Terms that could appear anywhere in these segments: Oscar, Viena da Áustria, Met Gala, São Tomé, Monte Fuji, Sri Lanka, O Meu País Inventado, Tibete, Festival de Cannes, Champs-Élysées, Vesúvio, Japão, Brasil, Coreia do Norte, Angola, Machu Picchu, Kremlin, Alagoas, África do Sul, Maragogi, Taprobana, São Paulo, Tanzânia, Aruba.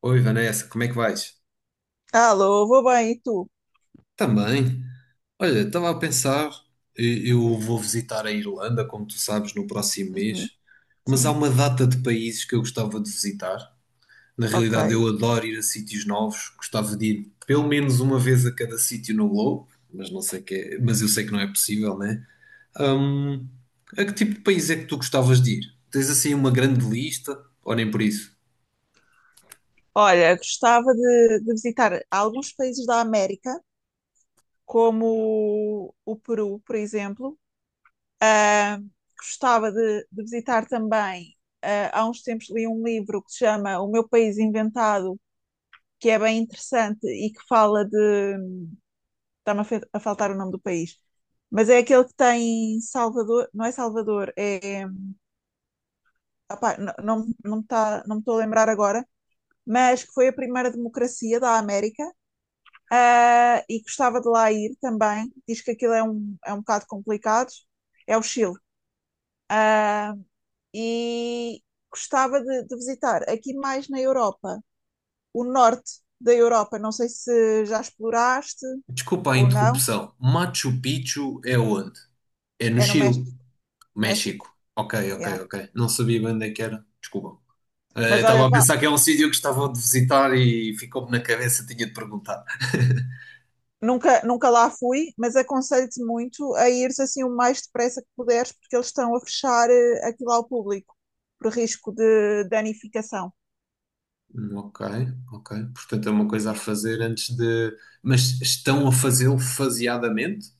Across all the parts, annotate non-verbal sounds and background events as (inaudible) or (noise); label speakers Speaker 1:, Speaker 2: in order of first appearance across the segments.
Speaker 1: Oi Vanessa, como é que vais?
Speaker 2: Alô, vou bem, e tu?
Speaker 1: Também. Olha, estava a pensar, eu vou visitar a Irlanda, como tu sabes, no próximo
Speaker 2: Uhum,
Speaker 1: mês, mas há
Speaker 2: sim,
Speaker 1: uma data de países que eu gostava de visitar. Na
Speaker 2: ok.
Speaker 1: realidade, eu adoro ir a sítios novos, gostava de ir pelo menos uma vez a cada sítio no globo, mas não sei mas eu sei que não é possível, né? Hum, a que tipo de país é que tu gostavas de ir? Tens assim uma grande lista? Ou nem por isso?
Speaker 2: Olha, gostava de visitar alguns países da América, como Peru, por exemplo. Ah, gostava de visitar também. Ah, há uns tempos li um livro que se chama O Meu País Inventado, que é bem interessante e que fala de. Está-me a faltar o nome do país. Mas é aquele que tem Salvador, não é Salvador, é. Opá, não, não me estou a lembrar agora, mas que foi a primeira democracia da América. Ah, e gostava de lá ir também. Diz que aquilo é um bocado complicado. É o Chile. Ah, e gostava de visitar aqui mais na Europa, o norte da Europa. Não sei se já exploraste
Speaker 1: Desculpa a
Speaker 2: ou não.
Speaker 1: interrupção. Machu Picchu é onde? É no
Speaker 2: É no
Speaker 1: Chile.
Speaker 2: México.
Speaker 1: México.
Speaker 2: México,
Speaker 1: Ok,
Speaker 2: yeah.
Speaker 1: ok, ok. Não sabia bem onde é que era. Desculpa.
Speaker 2: Mas olha,
Speaker 1: Estava a
Speaker 2: vale.
Speaker 1: pensar que é um sítio que estava a visitar e ficou-me na cabeça, tinha de perguntar.
Speaker 2: Nunca, nunca lá fui, mas aconselho-te muito a ires assim o mais depressa que puderes, porque eles estão a fechar aquilo ao público, por risco de danificação.
Speaker 1: Ok, ok. Portanto, é uma coisa a
Speaker 2: Yeah.
Speaker 1: fazer antes de. Mas estão a fazê-lo faseadamente?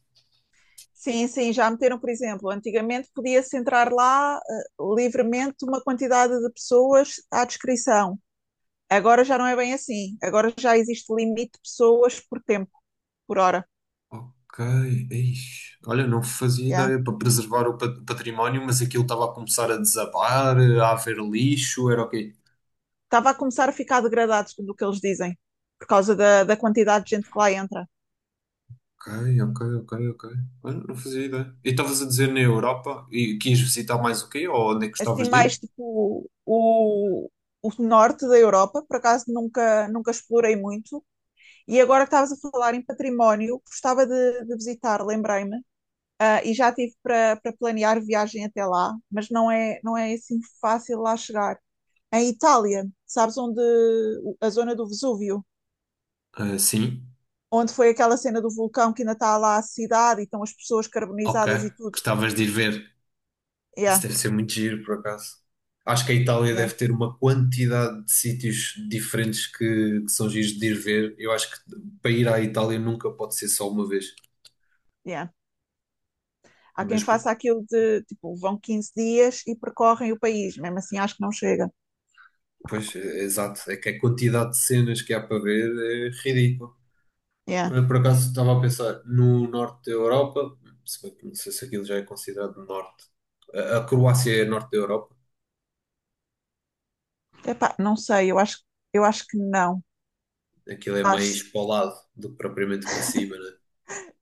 Speaker 2: Sim, sim, já meteram, por exemplo, antigamente podia-se entrar lá livremente uma quantidade de pessoas à descrição. Agora já não é bem assim. Agora já existe limite de pessoas por tempo, por hora.
Speaker 1: Ok. Ixi. Olha, não fazia
Speaker 2: Yeah.
Speaker 1: ideia para preservar o património, mas aquilo estava a começar a desabar, a haver lixo, era ok.
Speaker 2: Estava a começar a ficar degradado do que eles dizem, por causa da quantidade de gente que lá entra.
Speaker 1: Ok, ok, ok, ok. Olha, não fazia ideia. E estavas a dizer na Europa e quis visitar mais o quê? Ou onde é que
Speaker 2: Assim
Speaker 1: gostavas de
Speaker 2: mais
Speaker 1: ir?
Speaker 2: tipo o norte da Europa, por acaso nunca, nunca explorei muito. E agora que estavas a falar em património, gostava de visitar, lembrei-me, ah, e já tive para planear viagem até lá, mas não é assim fácil lá chegar. Em Itália, sabes onde a zona do Vesúvio,
Speaker 1: Ah, sim,
Speaker 2: onde foi aquela cena do vulcão que ainda está lá a cidade e estão as pessoas
Speaker 1: ok.
Speaker 2: carbonizadas e tudo.
Speaker 1: Gostavas de ir ver. Isso
Speaker 2: Yeah,
Speaker 1: deve ser muito giro, por acaso. Acho que a Itália
Speaker 2: yeah,
Speaker 1: deve ter uma quantidade de sítios diferentes que são giros de ir ver. Eu acho que para ir à Itália nunca pode ser só uma vez.
Speaker 2: yeah. Há quem
Speaker 1: Mas,
Speaker 2: faça aquilo de, tipo, vão 15 dias e percorrem o país. Mesmo assim, acho que não chega.
Speaker 1: pois, é exato. É que a quantidade de cenas que há para ver é ridícula.
Speaker 2: Yeah.
Speaker 1: Olha, por acaso estava a pensar no norte da Europa, se bem que não sei se aquilo já é considerado norte. A Croácia é norte da Europa.
Speaker 2: Epá, não sei, eu acho que não.
Speaker 1: Aquilo é mais
Speaker 2: Acho.
Speaker 1: para o lado do que propriamente para cima, né?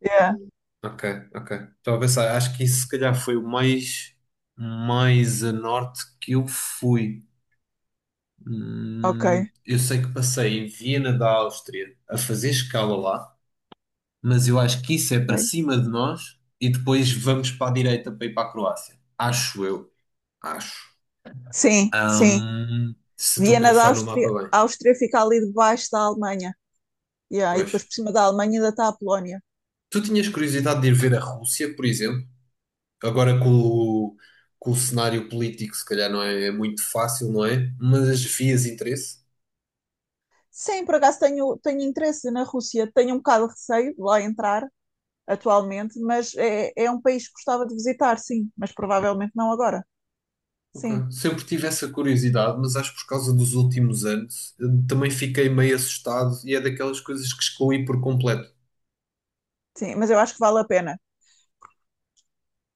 Speaker 2: Yeah.
Speaker 1: Ok, ok. Estava a pensar, acho que isso se calhar foi o mais, mais a norte que eu fui.
Speaker 2: Ok,
Speaker 1: Eu sei que passei em Viena da Áustria a fazer escala lá, mas eu acho que isso é para
Speaker 2: ok.
Speaker 1: cima de nós e depois vamos para a direita para ir para a Croácia. Acho eu, acho.
Speaker 2: Sim, sim.
Speaker 1: Se estou a
Speaker 2: Viena da
Speaker 1: pensar no
Speaker 2: Áustria,
Speaker 1: mapa bem.
Speaker 2: a Áustria fica ali debaixo da Alemanha. Yeah. E
Speaker 1: Pois.
Speaker 2: depois por cima da Alemanha ainda está a Polónia.
Speaker 1: Tu tinhas curiosidade de ir ver a Rússia, por exemplo? Agora com o cenário político, se calhar não é, é muito fácil, não é? Mas vias interesse.
Speaker 2: Sim, por acaso tenho interesse na Rússia. Tenho um bocado de receio de lá entrar atualmente, mas é um país que gostava de visitar, sim. Mas provavelmente não agora.
Speaker 1: Ok.
Speaker 2: Sim,
Speaker 1: Sempre tive essa curiosidade, mas acho que por causa dos últimos anos também fiquei meio assustado e é daquelas coisas que excluí por completo.
Speaker 2: sim. Mas eu acho que vale a pena.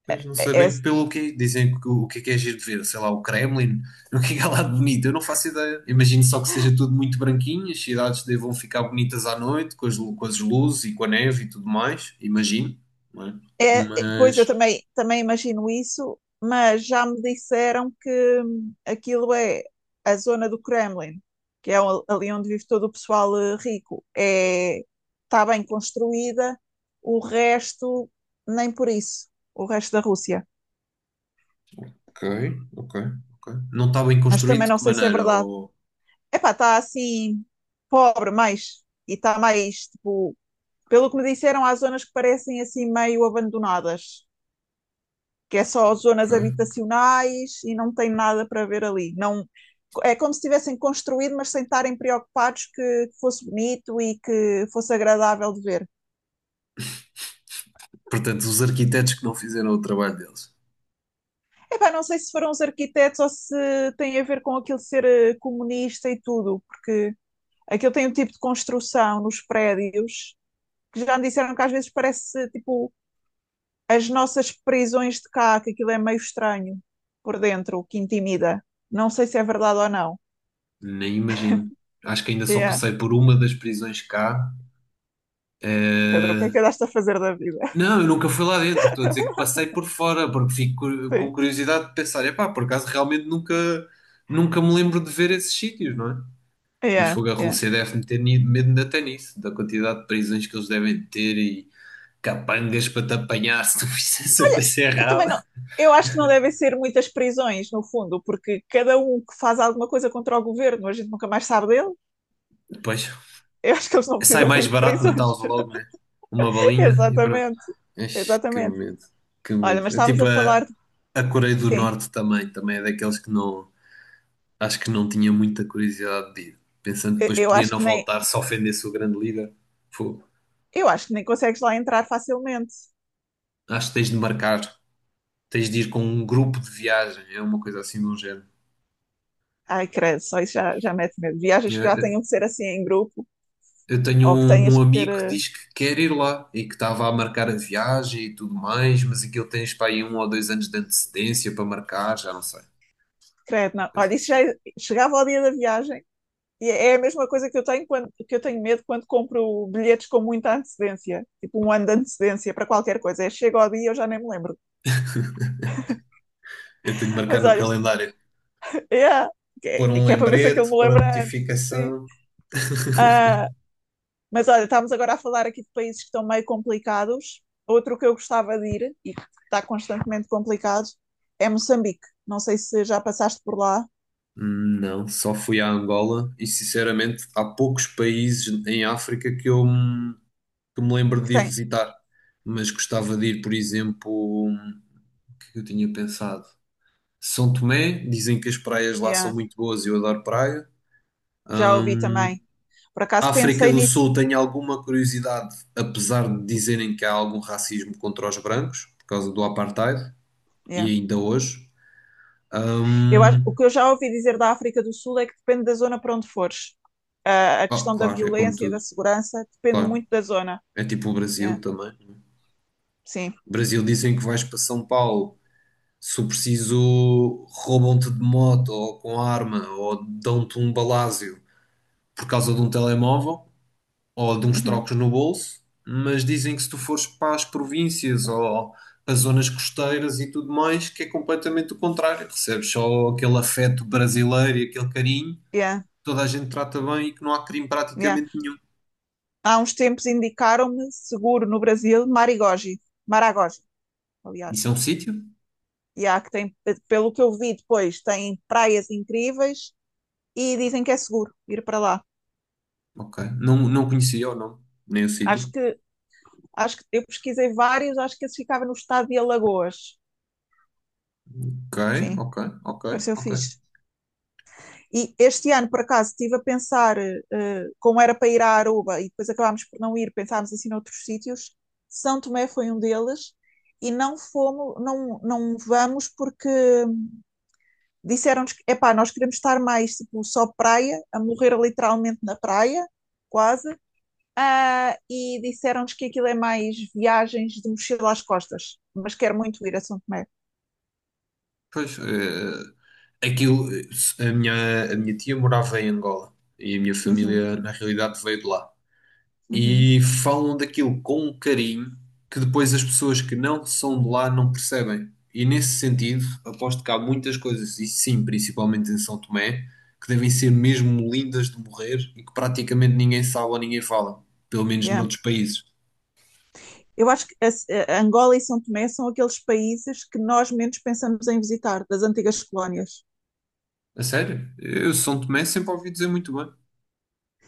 Speaker 1: Pois não
Speaker 2: É,
Speaker 1: sei
Speaker 2: é,
Speaker 1: bem pelo quê. Dizem que o que é giro de ver, sei lá, o Kremlin, (laughs) o que é que há lá de bonito, eu não faço ideia. Imagino só que seja tudo muito branquinho, as cidades devam ficar bonitas à noite, com as, com as luzes e com a neve e tudo mais, imagino, não é?
Speaker 2: é, é, pois eu
Speaker 1: Mas.
Speaker 2: também imagino isso, mas já me disseram que aquilo é a zona do Kremlin, que é ali onde vive todo o pessoal rico. É, está bem construída, o resto nem por isso, o resto da Rússia.
Speaker 1: Ok, ok, ok. Não está bem
Speaker 2: Mas
Speaker 1: construído
Speaker 2: também
Speaker 1: de
Speaker 2: não
Speaker 1: que
Speaker 2: sei se é
Speaker 1: maneira?
Speaker 2: verdade.
Speaker 1: Ou...
Speaker 2: Epá, está assim pobre mais e está mais tipo, pelo que me disseram, há zonas que parecem assim meio abandonadas. Que é só
Speaker 1: Ok.
Speaker 2: zonas habitacionais e não tem nada para ver ali. Não, é como se tivessem construído, mas sem estarem preocupados que fosse bonito e que fosse agradável de ver.
Speaker 1: Portanto, os arquitetos que não fizeram o trabalho deles.
Speaker 2: Epá, não sei se foram os arquitetos ou se tem a ver com aquilo de ser comunista e tudo. Aquilo tem um tipo de construção nos prédios que já me disseram que às vezes parece tipo as nossas prisões de cá, que aquilo é meio estranho por dentro, que intimida. Não sei se é verdade ou não.
Speaker 1: Nem imagino. Acho que ainda só
Speaker 2: É,
Speaker 1: passei por uma das prisões cá.
Speaker 2: Pedro, o que é
Speaker 1: Eh,
Speaker 2: que andaste a fazer da vida?
Speaker 1: Não, eu nunca fui lá dentro. Estou a dizer que passei por fora, porque fico
Speaker 2: Sim.
Speaker 1: com curiosidade de pensar, epá, por acaso realmente nunca, nunca me lembro de ver esses sítios, não é? Mas
Speaker 2: Yeah,
Speaker 1: fogo, a
Speaker 2: yeah.
Speaker 1: Rússia deve-me ter medo até nisso, da quantidade de prisões que eles devem ter e capangas para te apanhar se tu (laughs) fizesse a coisa
Speaker 2: Eu também não.
Speaker 1: errada.
Speaker 2: Eu acho que não devem ser muitas prisões, no fundo, porque cada um que faz alguma coisa contra o governo, a gente nunca mais sabe dele.
Speaker 1: Pois,
Speaker 2: Eu acho que eles não
Speaker 1: sai
Speaker 2: precisam
Speaker 1: mais
Speaker 2: muito de
Speaker 1: barato
Speaker 2: prisões.
Speaker 1: matá-los logo, né? Uma
Speaker 2: (laughs)
Speaker 1: balinha e pronto.
Speaker 2: Exatamente.
Speaker 1: Ixi, que
Speaker 2: Exatamente.
Speaker 1: medo, que
Speaker 2: Olha,
Speaker 1: medo.
Speaker 2: mas
Speaker 1: É
Speaker 2: estávamos
Speaker 1: tipo
Speaker 2: a falar de...
Speaker 1: a Coreia do
Speaker 2: Sim,
Speaker 1: Norte também, também é daqueles que não, acho que não tinha muita curiosidade de ir. Pensando que
Speaker 2: eu,
Speaker 1: depois
Speaker 2: eu
Speaker 1: podia
Speaker 2: acho
Speaker 1: não
Speaker 2: que nem.
Speaker 1: voltar se ofendesse o grande líder. Fogo.
Speaker 2: Eu acho que nem consegues lá entrar facilmente.
Speaker 1: Acho que tens de marcar, tens de ir com um grupo de viagem, é uma coisa assim de um género.
Speaker 2: Ai, credo, só isso já mete medo. Viagens que já
Speaker 1: Eu,
Speaker 2: tenham que ser assim em grupo,
Speaker 1: eu tenho
Speaker 2: ou que
Speaker 1: um,
Speaker 2: tenhas
Speaker 1: um
Speaker 2: que ter.
Speaker 1: amigo que diz que quer ir lá e que estava a marcar a viagem e tudo mais, mas aquilo tens para aí 1 ou 2 anos de antecedência para marcar, já não sei.
Speaker 2: Credo, não. Olha,
Speaker 1: Coisa
Speaker 2: isso já
Speaker 1: assim.
Speaker 2: é, chegava ao dia da viagem. E é a mesma coisa que eu tenho medo quando compro bilhetes com muita antecedência, tipo um ano de antecedência para qualquer coisa. É, chega ao dia e eu já nem me lembro.
Speaker 1: Eu tenho de marcar
Speaker 2: Mas
Speaker 1: no
Speaker 2: olha,
Speaker 1: calendário.
Speaker 2: yeah, que,
Speaker 1: Pôr um
Speaker 2: que é para ver se aquilo
Speaker 1: lembrete,
Speaker 2: me
Speaker 1: pôr a
Speaker 2: lembra antes. Sim.
Speaker 1: notificação.
Speaker 2: Ah, mas olha, estamos agora a falar aqui de países que estão meio complicados. Outro que eu gostava de ir e que está constantemente complicado é Moçambique. Não sei se já passaste por lá,
Speaker 1: Não, só fui à Angola e sinceramente há poucos países em África que me lembro
Speaker 2: que
Speaker 1: de ir
Speaker 2: tem.
Speaker 1: visitar, mas gostava de ir, por exemplo, o que é que eu tinha pensado? São Tomé, dizem que as praias lá são
Speaker 2: Yeah,
Speaker 1: muito boas e eu adoro praia.
Speaker 2: já ouvi também. Por acaso
Speaker 1: África
Speaker 2: pensei
Speaker 1: do
Speaker 2: nisso.
Speaker 1: Sul tenho alguma curiosidade, apesar de dizerem que há algum racismo contra os brancos por causa do apartheid e
Speaker 2: Yeah.
Speaker 1: ainda hoje.
Speaker 2: O
Speaker 1: Hum,
Speaker 2: que eu já ouvi dizer da África do Sul é que depende da zona para onde fores. Ah, a
Speaker 1: oh,
Speaker 2: questão da
Speaker 1: claro, é como
Speaker 2: violência e da
Speaker 1: tudo,
Speaker 2: segurança depende
Speaker 1: claro.
Speaker 2: muito da zona.
Speaker 1: É tipo o Brasil
Speaker 2: Yeah,
Speaker 1: também.
Speaker 2: sim.
Speaker 1: O Brasil dizem que vais para São Paulo, se o preciso, roubam-te de moto ou com arma ou dão-te um balázio por causa de um telemóvel ou de uns
Speaker 2: Uhum.
Speaker 1: trocos no bolso, mas dizem que se tu fores para as províncias ou para zonas costeiras e tudo mais, que é completamente o contrário. Recebes só aquele afeto brasileiro e aquele carinho, que
Speaker 2: Yeah,
Speaker 1: toda a gente trata bem e que não há crime
Speaker 2: yeah.
Speaker 1: praticamente nenhum.
Speaker 2: Há uns tempos indicaram-me seguro no Brasil, Marigogi, Maragogi,
Speaker 1: Isso
Speaker 2: aliás.
Speaker 1: é um sítio?
Speaker 2: Yeah, que tem, pelo que eu vi depois, tem praias incríveis e dizem que é seguro ir para lá.
Speaker 1: Ok. Não, não conhecia o nome, nem o sítio.
Speaker 2: Acho que, acho que eu pesquisei vários, acho que esse ficava no estado de Alagoas.
Speaker 1: Ok,
Speaker 2: Sim,
Speaker 1: ok, ok,
Speaker 2: pareceu
Speaker 1: ok.
Speaker 2: fixe. E este ano, por acaso, estive a pensar, como era para ir à Aruba e depois acabámos por não ir, pensámos assim noutros sítios. São Tomé foi um deles e não fomos, não, não vamos porque disseram-nos que, epá, nós queremos estar mais tipo só praia, a morrer literalmente na praia, quase. Ah, e disseram-nos que aquilo é mais viagens de mochila às costas, mas quero muito ir a São Tomé.
Speaker 1: Pois, aquilo, a minha tia morava em Angola e a minha
Speaker 2: Uhum,
Speaker 1: família, na realidade, veio de lá.
Speaker 2: uhum,
Speaker 1: E falam daquilo com um carinho que depois as pessoas que não são de lá não percebem. E nesse sentido, aposto que há muitas coisas, e sim, principalmente em São Tomé, que devem ser mesmo lindas de morrer e que praticamente ninguém sabe ou ninguém fala, pelo menos
Speaker 2: yeah.
Speaker 1: noutros países.
Speaker 2: Eu acho que a Angola e São Tomé são aqueles países que nós menos pensamos em visitar, das antigas colónias.
Speaker 1: A sério? Eu São Tomé sempre ouvi dizer muito bem.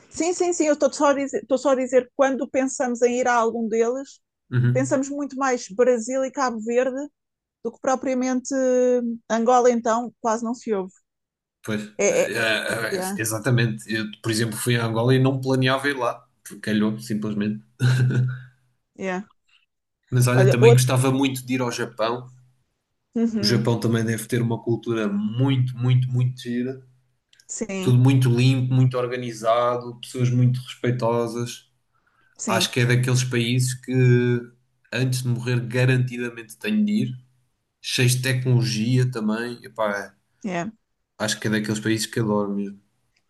Speaker 2: Sim, sim, sim, eu estou só a dizer, estou só a dizer que quando pensamos em ir a algum deles,
Speaker 1: Uhum.
Speaker 2: pensamos muito mais Brasil e Cabo Verde do que propriamente Angola, então quase não se ouve.
Speaker 1: Pois,
Speaker 2: É, é, yeah,
Speaker 1: exatamente. Eu, por exemplo, fui a Angola e não planeava ir lá, porque calhou, simplesmente.
Speaker 2: yeah.
Speaker 1: Mas olha,
Speaker 2: Olha,
Speaker 1: também
Speaker 2: outro.
Speaker 1: gostava muito de ir ao Japão. O
Speaker 2: Uhum,
Speaker 1: Japão também deve ter uma cultura muito, muito, muito gira. Tudo
Speaker 2: sim,
Speaker 1: muito limpo, muito organizado, pessoas muito respeitosas. Acho
Speaker 2: sim,
Speaker 1: que é daqueles países que, antes de morrer, garantidamente tenho de ir. Cheios de tecnologia também. Epá,
Speaker 2: yeah.
Speaker 1: acho que é daqueles países que adoro mesmo.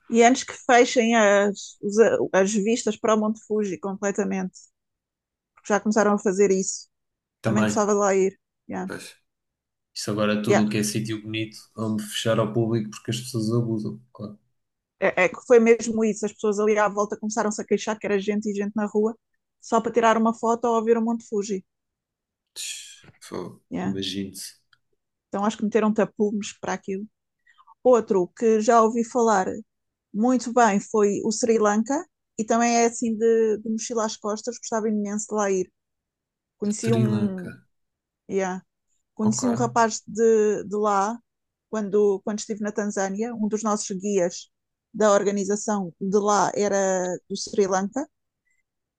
Speaker 2: E antes que fechem as vistas para o Monte Fuji completamente, porque já começaram a fazer isso, também
Speaker 1: Também.
Speaker 2: gostava de lá ir. Yeah.
Speaker 1: Pois. Isto agora é
Speaker 2: Yeah.
Speaker 1: tudo o que é sítio bonito, vamos fechar ao público porque as pessoas abusam. Claro.
Speaker 2: É, é que foi mesmo isso. As pessoas ali à volta começaram-se a queixar que era gente e gente na rua só para tirar uma foto ou ver o Monte Fuji.
Speaker 1: Tch, fogo.
Speaker 2: Yeah.
Speaker 1: Imagine-se.
Speaker 2: Então acho que meteram tapumes para aquilo. Outro que já ouvi falar muito bem foi o Sri Lanka e também é assim de mochila às costas. Gostava imenso de lá ir. Conheci
Speaker 1: Sri
Speaker 2: um,
Speaker 1: Lanka.
Speaker 2: yeah,
Speaker 1: Ok.
Speaker 2: conheci um rapaz de lá quando estive na Tanzânia. Um dos nossos guias da organização de lá era do Sri Lanka.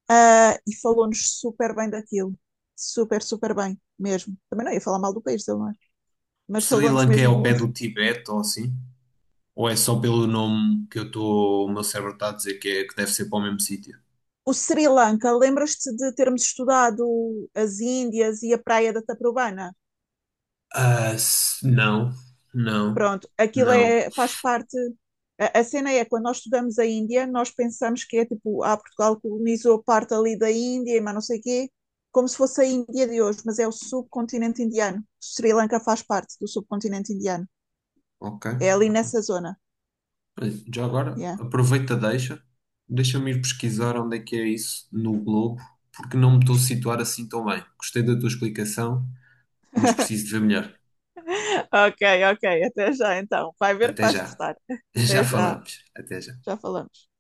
Speaker 2: Ah, e falou-nos super bem daquilo. Super, super bem, mesmo. Também não ia falar mal do país dele, não é? Mas
Speaker 1: Sri
Speaker 2: falou-nos
Speaker 1: Lanka é ao
Speaker 2: mesmo.
Speaker 1: pé do Tibete ou assim? Ou é só pelo nome que eu estou, o meu cérebro está a dizer que, é, que deve ser para o mesmo sítio?
Speaker 2: O Sri Lanka, lembras-te de termos estudado as Índias e a praia da Taprobana?
Speaker 1: Ah, não, não,
Speaker 2: Pronto, aquilo
Speaker 1: não.
Speaker 2: é, faz parte. A cena é, quando nós estudamos a Índia, nós pensamos que é tipo, Portugal colonizou parte ali da Índia, mas não sei quê, como se fosse a Índia de hoje, mas é o subcontinente indiano. Sri Lanka faz parte do subcontinente indiano.
Speaker 1: Ok,
Speaker 2: É ali
Speaker 1: ok.
Speaker 2: nessa zona.
Speaker 1: Olha, já agora,
Speaker 2: Yeah.
Speaker 1: aproveita, deixa. Deixa-me ir pesquisar onde é que é isso no globo, porque não me estou a situar assim tão bem. Gostei da tua explicação. Mas preciso de ver melhor.
Speaker 2: Ok, ok. Até já então. Vai ver que
Speaker 1: Até
Speaker 2: vais
Speaker 1: já.
Speaker 2: gostar.
Speaker 1: (laughs) Já
Speaker 2: Até já.
Speaker 1: falamos. Até já.
Speaker 2: Já falamos.